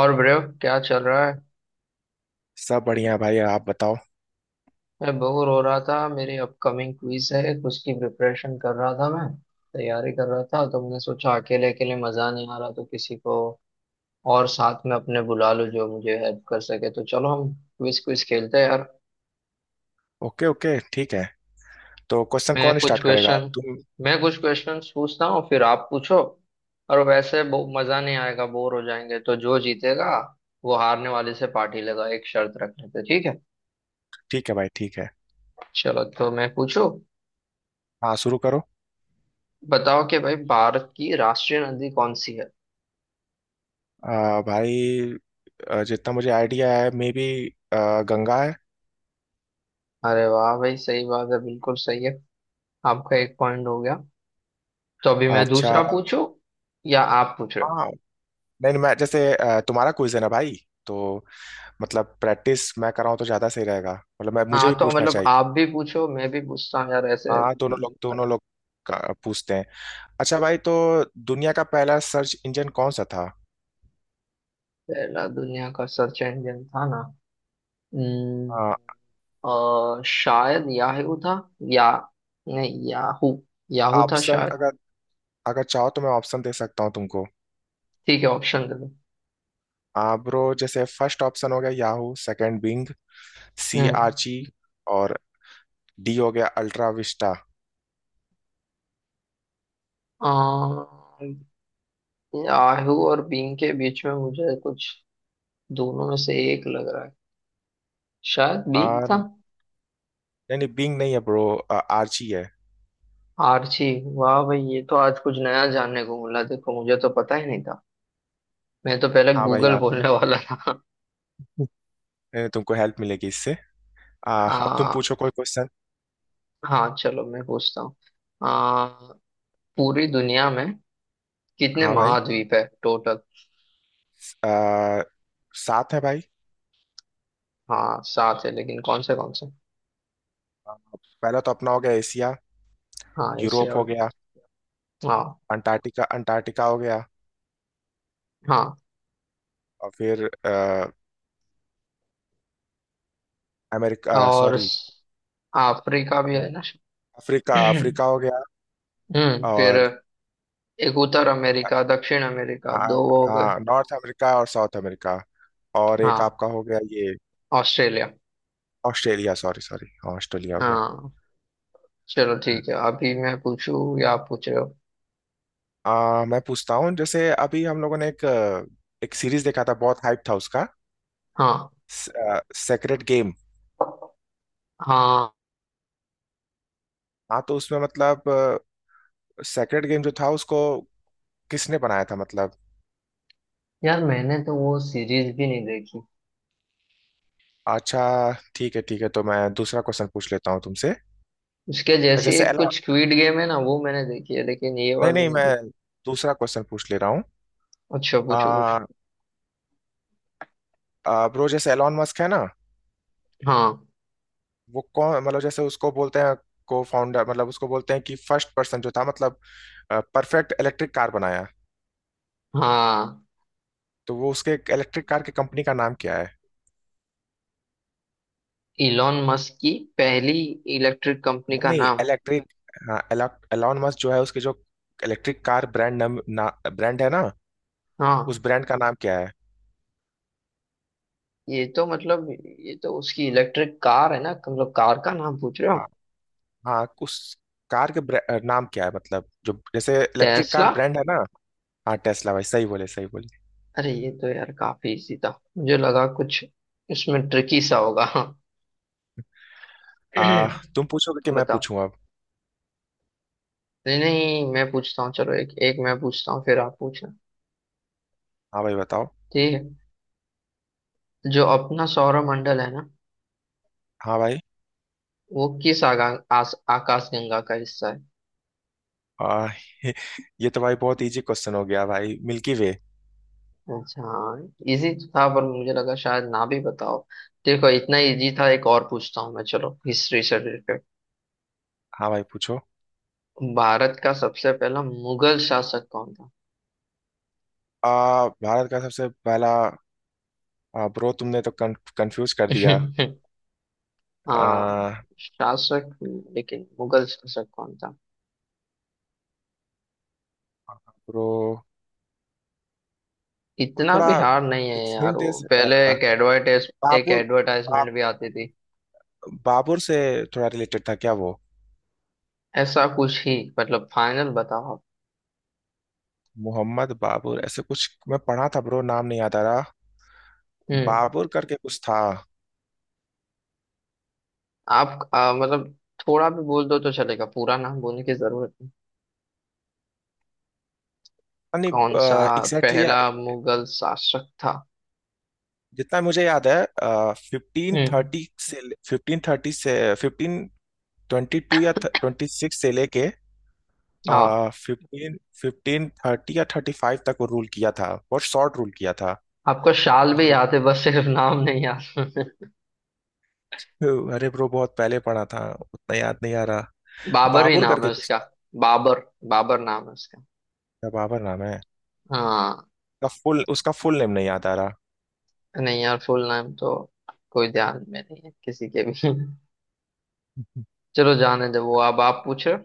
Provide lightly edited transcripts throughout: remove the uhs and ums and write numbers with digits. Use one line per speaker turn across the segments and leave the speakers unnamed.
और ब्रेव क्या चल रहा है?
सब बढ़िया भाई, आप बताओ।
मैं बोर हो रहा था। मेरी अपकमिंग क्विज है, उसकी प्रिपरेशन कर रहा था मैं, तैयारी कर रहा था। तो मैंने सोचा अकेले अकेले मजा नहीं आ रहा, तो किसी को और साथ में अपने बुला लूं जो मुझे हेल्प कर सके। तो चलो हम क्विज क्विज खेलते हैं यार।
ओके ओके, ठीक है। तो क्वेश्चन
मैं
कौन
कुछ
स्टार्ट करेगा?
क्वेश्चन
तुम?
मैं कुछ क्वेश्चन पूछता हूँ फिर आप पूछो। और वैसे मजा नहीं आएगा, बोर हो जाएंगे, तो जो जीतेगा वो हारने वाले से पार्टी लेगा, एक शर्त रख लेते हैं, ठीक है।
ठीक है भाई, ठीक है।
चलो तो मैं पूछूं।
हाँ, शुरू करो।
बताओ कि भाई, भारत की राष्ट्रीय नदी कौन सी है?
भाई। जितना मुझे आइडिया है, मे बी गंगा है।
अरे वाह भाई, सही बात है, बिल्कुल सही है। आपका एक पॉइंट हो गया। तो अभी मैं
अच्छा।
दूसरा पूछूं या आप पूछ रहे हो?
हाँ। नहीं नहीं, मैं जैसे तुम्हारा क्विज है ना भाई, तो मतलब प्रैक्टिस मैं कराऊँ तो ज़्यादा सही रहेगा। मतलब मैं, मुझे
हाँ
भी
तो
पूछना
मतलब
चाहिए।
आप भी पूछो मैं भी पूछता हूँ यार ऐसे।
हाँ, दोनों लोग पूछते हैं। अच्छा भाई, तो दुनिया का पहला सर्च इंजन कौन सा था?
पहला दुनिया का सर्च इंजन था ना? हम्म,
आ,
शायद याहू था, या नहीं, याहू, याहू था
ऑप्शन
शायद।
अगर अगर चाहो तो मैं ऑप्शन दे सकता हूँ तुमको।
ठीक है, ऑप्शन दे दो।
ब्रो, जैसे फर्स्ट ऑप्शन हो गया Yahoo, second Bing, C
hmm
Archie, और डी हो गया अल्ट्रा विस्टा।
याहू और बिंग के बीच में मुझे कुछ, दोनों में से एक लग रहा है, शायद बी
आ,
था।
नहीं नहीं, बिंग नहीं है ब्रो। आर्ची है।
आर्ची। वाह भाई, ये तो आज कुछ नया जानने को मिला। देखो मुझे तो पता ही नहीं था, मैं तो पहले
हाँ भाई
गूगल
हाँ, तुम,
बोलने वाला था।
नहीं, तुमको हेल्प मिलेगी इससे। अब तुम
आ,
पूछो कोई क्वेश्चन।
हाँ चलो मैं पूछता हूँ। आ, पूरी दुनिया में कितने
हाँ भाई।
महाद्वीप है टोटल?
आ, सात है भाई।
हाँ सात है, लेकिन कौन से कौन से?
आ, पहला तो अपना हो गया एशिया।
हाँ एशिया
यूरोप हो
और।
गया।
हाँ।
अंटार्कटिका अंटार्कटिका हो गया।
हाँ
और फिर अमेरिका,
और
सॉरी,
अफ्रीका भी है ना।
अफ्रीका अफ्रीका हो गया।
फिर,
और
एक उत्तर अमेरिका दक्षिण अमेरिका
हाँ,
दो हो गए।
हाँ, नॉर्थ अमेरिका और साउथ अमेरिका। और एक
हाँ।
आपका हो गया ये,
ऑस्ट्रेलिया।
ऑस्ट्रेलिया। सॉरी सॉरी, हाँ, ऑस्ट्रेलिया हो गया।
हाँ चलो ठीक है, अभी मैं पूछूं या आप पूछ रहे हो?
मैं पूछता हूँ। जैसे अभी हम लोगों ने एक सीरीज देखा था, बहुत हाइप था उसका,
हाँ,
सेक्रेट गेम।
हाँ।
हाँ, तो उसमें मतलब सेक्रेट गेम जो था उसको किसने बनाया था मतलब?
यार मैंने तो वो सीरीज भी नहीं देखी।
अच्छा, ठीक है ठीक है, तो मैं दूसरा क्वेश्चन पूछ लेता हूँ तुमसे।
उसके जैसी
जैसे
एक
एलन
कुछ स्क्विड गेम है ना, वो मैंने देखी है, लेकिन ये
नहीं
वाली
नहीं,
नहीं
मैं
देखी।
दूसरा क्वेश्चन पूछ ले रहा हूँ।
अच्छा पूछो पूछो।
आ, आ, ब्रो, जैसे एलॉन मस्क है ना,
हाँ,
वो कौन मतलब, जैसे उसको बोलते हैं को फाउंडर, मतलब उसको बोलते हैं कि फर्स्ट पर्सन जो था मतलब परफेक्ट इलेक्ट्रिक कार बनाया।
हाँ।
तो वो उसके इलेक्ट्रिक कार की कंपनी का नाम क्या है?
इलॉन मस्क की पहली इलेक्ट्रिक कंपनी
नहीं
का
नहीं,
नाम?
इलेक्ट्रिक, हाँ, एलॉन मस्क जो है उसके जो इलेक्ट्रिक कार ब्रांड, नाम ना, ब्रांड है ना, उस
हाँ
ब्रांड का नाम क्या है?
ये तो मतलब ये तो उसकी इलेक्ट्रिक कार है ना, मतलब कार का नाम पूछ रहे हो
हाँ
आप?
हाँ, उस कार के नाम क्या है, मतलब जो जैसे इलेक्ट्रिक कार
टेस्ला।
ब्रांड है ना। हाँ टेस्ला भाई, सही बोले सही बोले।
अरे ये तो यार काफी इजी था, मुझे लगा कुछ इसमें ट्रिकी सा होगा।
आ, तुम पूछोगे कि मैं
बताओ।
पूछूं अब?
नहीं, नहीं, मैं पूछता हूँ। चलो एक एक मैं पूछता हूँ फिर आप पूछना।
हाँ भाई बताओ।
ठीक है। जो अपना सौरमंडल है ना,
हाँ भाई,
वो किस आकाश गंगा का हिस्सा है?
आ, ये तो भाई बहुत इजी क्वेश्चन हो गया भाई, मिल्की वे।
अच्छा हाँ, इजी था पर मुझे लगा शायद ना भी बताओ। देखो इतना इजी था, एक और पूछता हूँ मैं। चलो हिस्ट्री से रिलेटेड।
हाँ भाई पूछो।
भारत का सबसे पहला मुगल शासक कौन था?
भारत का सबसे पहला, ब्रो, तुमने तो कंफ्यूज कर दिया।
हाँ।
आ,
शासक? लेकिन मुगल शासक कौन था?
ब्रो, और
इतना
थोड़ा
भी हार्ड नहीं है
एक
यार,
हिंट
वो
दे
पहले एक
बाबुर, बा,
एडवर्टाइजमेंट भी आती थी।
बाबुर से थोड़ा रिलेटेड था क्या वो?
ऐसा कुछ ही, मतलब फाइनल बताओ आप।
मोहम्मद बाबुर ऐसे कुछ मैं पढ़ा था ब्रो, नाम नहीं याद आ रहा।
हम्म
बाबुर करके कुछ था।
मतलब थोड़ा भी बोल दो तो चलेगा, पूरा नाम बोलने की जरूरत नहीं।
नहीं,
कौन सा
एग्जैक्टली
पहला मुगल शासक था?
जितना मुझे याद है फिफ्टीन
हम्म
थर्टी से फिफ्टीन थर्टी से 1522 या 26 से लेके
हाँ।
फिफ्टीन फिफ्टीन थर्टी या 35 तक वो रूल किया था, बहुत शॉर्ट रूल किया था।
आपको शाल भी
मेरे
याद
टाइम,
है, बस सिर्फ नाम नहीं याद।
अरे ब्रो, बहुत पहले पढ़ा था, उतना याद नहीं आ रहा।
बाबर ही
बाबर
नाम
करके
है
कुछ
उसका।
था।
बाबर, बाबर नाम है उसका।
क्या बाबर नाम है?
हाँ।
उसका फुल नेम नहीं याद आ रहा।
नहीं यार फुल नाम तो कोई ध्यान में नहीं है किसी के भी। चलो जाने दो वो, अब आप पूछो।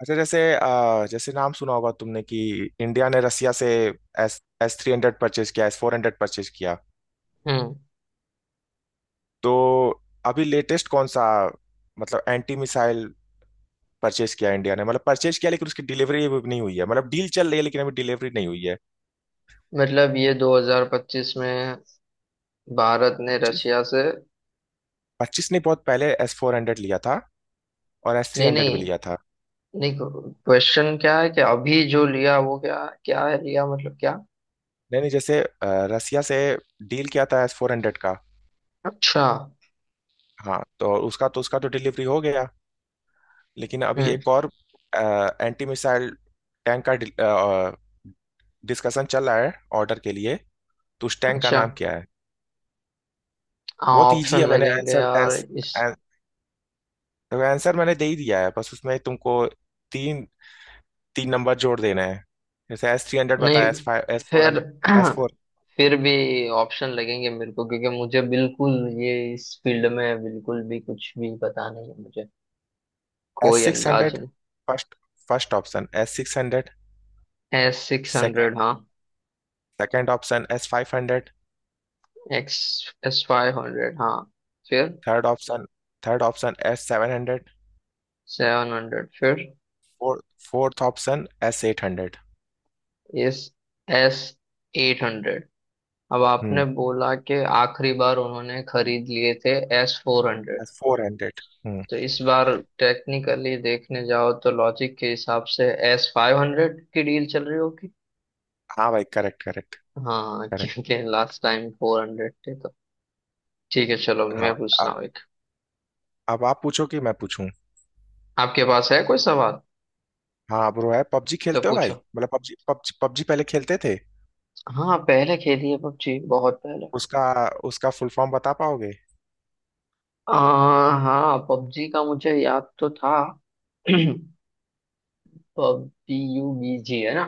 अच्छा, जैसे जैसे नाम सुना होगा तुमने कि इंडिया ने रसिया से S S three hundred purchase किया, S-400 परचेज किया।
हम्म
तो अभी लेटेस्ट कौन सा, मतलब एंटी मिसाइल परचेज किया इंडिया ने, मतलब परचेज किया लेकिन उसकी डिलीवरी अभी नहीं हुई है, मतलब डील चल रही है लेकिन अभी डिलीवरी नहीं हुई है।
मतलब ये 2025 में भारत ने
पच्चीस
रशिया से।
पच्चीस ने बहुत पहले एस फोर हंड्रेड लिया था, और एस थ्री
नहीं,
हंड्रेड भी
नहीं,
लिया था।
नहीं। क्वेश्चन क्या है कि अभी जो लिया वो क्या क्या है लिया, मतलब क्या?
नहीं नहीं, जैसे रसिया से डील किया था एस फोर हंड्रेड का।
अच्छा।
हाँ, तो उसका तो डिलीवरी हो गया, लेकिन अभी
हम्म
एक और एंटी मिसाइल टैंक का डिस्कशन चल रहा है ऑर्डर के लिए। तो उस टैंक का
अच्छा
नाम क्या है?
हाँ,
बहुत ईजी
ऑप्शन
है, मैंने
लगेंगे
आंसर
यार इस।
तो आंसर मैंने दे ही दिया है, बस उसमें तुमको तीन तीन नंबर जोड़ देना है। जैसे एस थ्री हंड्रेड
नहीं,
बताया, एस फाइव, एस फोर
फिर
हंड्रेड, एस फोर,
फिर भी ऑप्शन लगेंगे मेरे को, क्योंकि मुझे बिल्कुल ये इस फील्ड में बिल्कुल भी कुछ भी पता नहीं है, मुझे
एस
कोई
सिक्स
अंदाज
हंड्रेड
नहीं।
First first option S six hundred.
S six
second
hundred हाँ।
Second option S-500।
X S five hundred हाँ। फिर
third option third option S-700।
Seven hundred फिर।
Fourth fourth option S-800।
S S eight hundred. अब
हम्म।
आपने बोला कि आखिरी बार उन्होंने खरीद लिए थे S four hundred.
S four hundred. हम्म।
तो इस बार टेक्निकली देखने जाओ तो लॉजिक के हिसाब से एस फाइव हंड्रेड की डील चल रही होगी।
हाँ भाई, करेक्ट करेक्ट
हाँ
करेक्ट।
क्योंकि लास्ट टाइम फोर हंड्रेड थे तो। ठीक है चलो
हाँ
मैं
भाई,
पूछता
अब
हूँ एक।
अब आप पूछो कि मैं पूछूं।
आपके पास है कोई सवाल?
हाँ ब्रो, है? पबजी
तो
खेलते हो भाई,
पूछो।
मतलब पबजी पबजी पबजी पहले खेलते थे।
हाँ पहले खेली है पबजी, बहुत पहले।
उसका उसका फुल फॉर्म बता पाओगे?
आ, हाँ पबजी का मुझे याद तो था। पबजी यू बीजी है ना?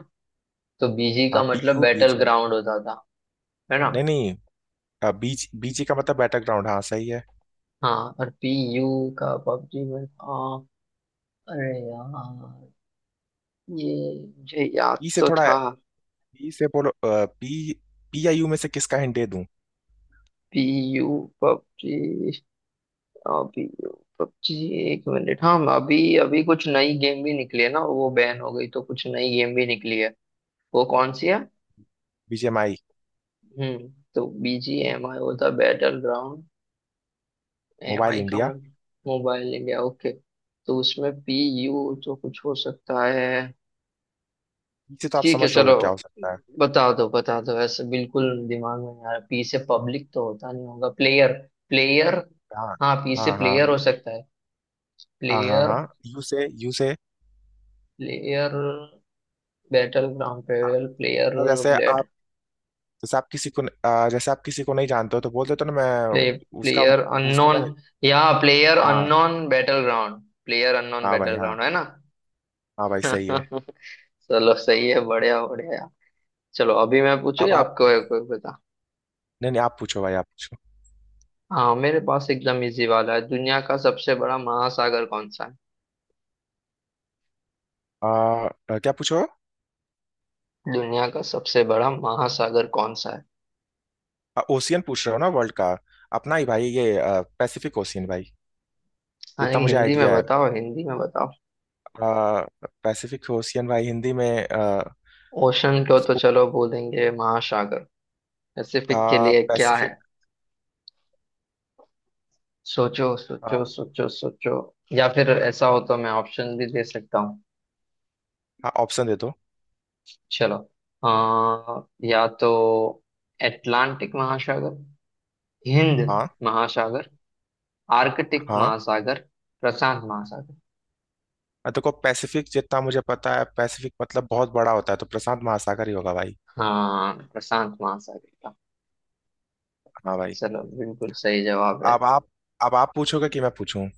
तो बीजी
हाँ,
का
पी
मतलब
U B
battle
G
ground होता था, है ना?
नहीं नहीं, बीच, बीजी का मतलब बैटरग्राउंड, हाँ सही है।
हाँ और पी यू का पबजी में था। अरे यार, ये मुझे याद
पी से
तो
थोड़ा,
था।
पी से बोलो पी, पी आई यू में से किसका हिंट दे दूं?
P U PUBG. हाँ, पी यू पबजी। एक मिनट, हाँ अभी अभी कुछ नई गेम भी निकली है ना, वो बैन हो गई तो कुछ नई गेम भी निकली है। वो कौन सी है?
BGMI,
हम्म तो बी जी एम आई होता battle ground. M
mobile
I का
इंडिया।
मन मोबाइल इंडिया, ओके। तो उसमें पी यू तो कुछ हो सकता है।
पी से तो आप
ठीक है
समझ रहोगे
चलो
क्या हो सकता है।
बता दो, बता दो। ऐसे बिल्कुल दिमाग में नहीं आ रहा। पी से पब्लिक तो होता नहीं होगा, प्लेयर। प्लेयर।
हाँ
हाँ पी से
हाँ हाँ,
प्लेयर हो सकता है।
हाँ हाँ
प्लेयर,
हाँ, यू से
प्लेयर बैटल ग्राउंड, पेवेल प्लेयर,
तो
ब्लेड,
जैसे आप किसी को नहीं जानते हो तो बोल देते हो ना,
प्ले,
मैं, उसका
प्लेयर
उसको मैं।
अननोन, या प्लेयर
हाँ
unknown battle ground. Player unknown
हाँ भाई,
बैटल
हाँ
ग्राउंड है ना?
हाँ भाई, सही है।
चलो सही है, बढ़िया बढ़िया। चलो अभी मैं पूछू
अब
या
आप,
आपको है कोई, बता?
नहीं नहीं, आप पूछो भाई, आप पूछो।
हाँ मेरे पास एकदम इजी वाला है। दुनिया का सबसे बड़ा महासागर कौन सा है?
क्या पूछो?
दुनिया का सबसे बड़ा महासागर कौन सा है?
ओशियन पूछ रहे हो ना, वर्ल्ड का? अपना ही भाई ये, पैसिफिक ओशियन भाई।
हाँ
जितना
लेकिन
मुझे
हिंदी में
आइडिया है
बताओ, हिंदी में बताओ।
पैसिफिक ओशियन भाई। हिंदी में
ओशन को तो
इसको
चलो बोलेंगे महासागर, पैसिफिक के लिए क्या है?
पैसिफिक,
सोचो सोचो सोचो सोचो। या फिर ऐसा हो तो मैं ऑप्शन भी दे सकता हूँ।
ऑप्शन दे दो।
चलो। आ, या तो अटलांटिक महासागर, हिंद
हाँ
महासागर, आर्कटिक
हाँ।
महासागर, प्रशांत महासागर।
देखो, पैसिफिक जितना मुझे पता है, पैसिफिक मतलब बहुत बड़ा होता है, तो प्रशांत महासागर ही होगा भाई।
हाँ प्रशांत महासागर का।
हाँ भाई।
चलो बिल्कुल सही जवाब है।
अब आप अब आप पूछोगे कि मैं पूछूं?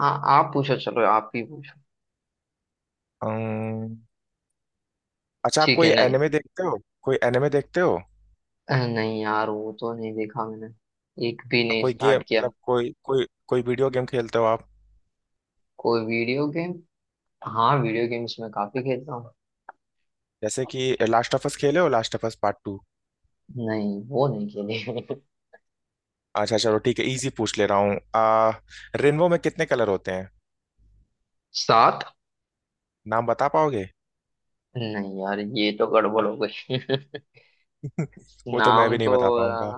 हाँ आप पूछो, चलो आप ही पूछो।
अम्म, अच्छा, आप
ठीक
कोई
है नहीं।
एनिमे देखते हो? कोई एनिमे देखते हो?
नहीं यार वो तो नहीं देखा मैंने, एक भी नहीं
कोई गेम
स्टार्ट किया।
मतलब, कोई कोई कोई वीडियो गेम खेलते हो आप?
कोई वीडियो गेम? हाँ वीडियो गेम्स में काफी खेलता हूँ।
जैसे कि लास्ट ऑफ अस खेले हो? Last of us Part 2?
नहीं वो नहीं खेली।
अच्छा चलो ठीक है, इजी पूछ ले रहा हूँ। आ रेनबो में कितने कलर होते हैं?
सात।
नाम बता पाओगे?
नहीं यार ये तो गड़बड़ हो गई।
वो तो मैं भी
नाम
नहीं
तो।
बता पाऊंगा।
अह,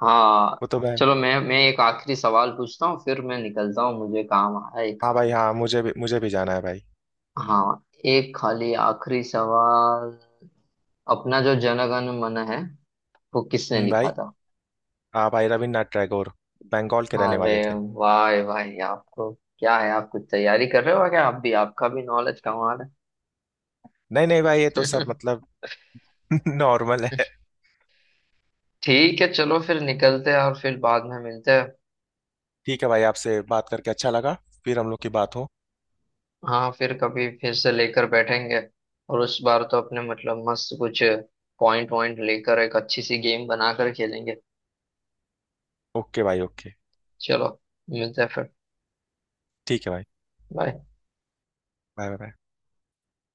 हाँ।
वो तो मैं,
चलो मैं एक आखिरी सवाल पूछता हूँ फिर मैं निकलता हूँ, मुझे काम आया एक।
हाँ भाई हाँ, मुझे भी जाना है भाई।
हाँ एक खाली आखिरी सवाल। अपना जो जनगण मन है, वो किसने
भाई,
लिखा था?
हाँ भाई, रविन्द्रनाथ टैगोर, बंगाल के रहने
अरे
वाले थे।
वाह भाई आपको क्या है, आप कुछ तैयारी कर रहे हो क्या, आप भी आपका भी नॉलेज कमा रहे
नहीं नहीं भाई, ये तो सब
हैं।
मतलब नॉर्मल है।
ठीक है चलो फिर निकलते हैं, और फिर बाद में मिलते हैं।
ठीक है भाई, आपसे बात करके अच्छा लगा। फिर हम लोग की बात हो।
हाँ फिर कभी फिर से लेकर बैठेंगे, और उस बार तो अपने मतलब मस्त कुछ पॉइंट वॉइंट लेकर एक अच्छी सी गेम बनाकर खेलेंगे।
ओके भाई ओके।
चलो मिलते हैं फिर।
ठीक है भाई।
बाय।
Bye bye.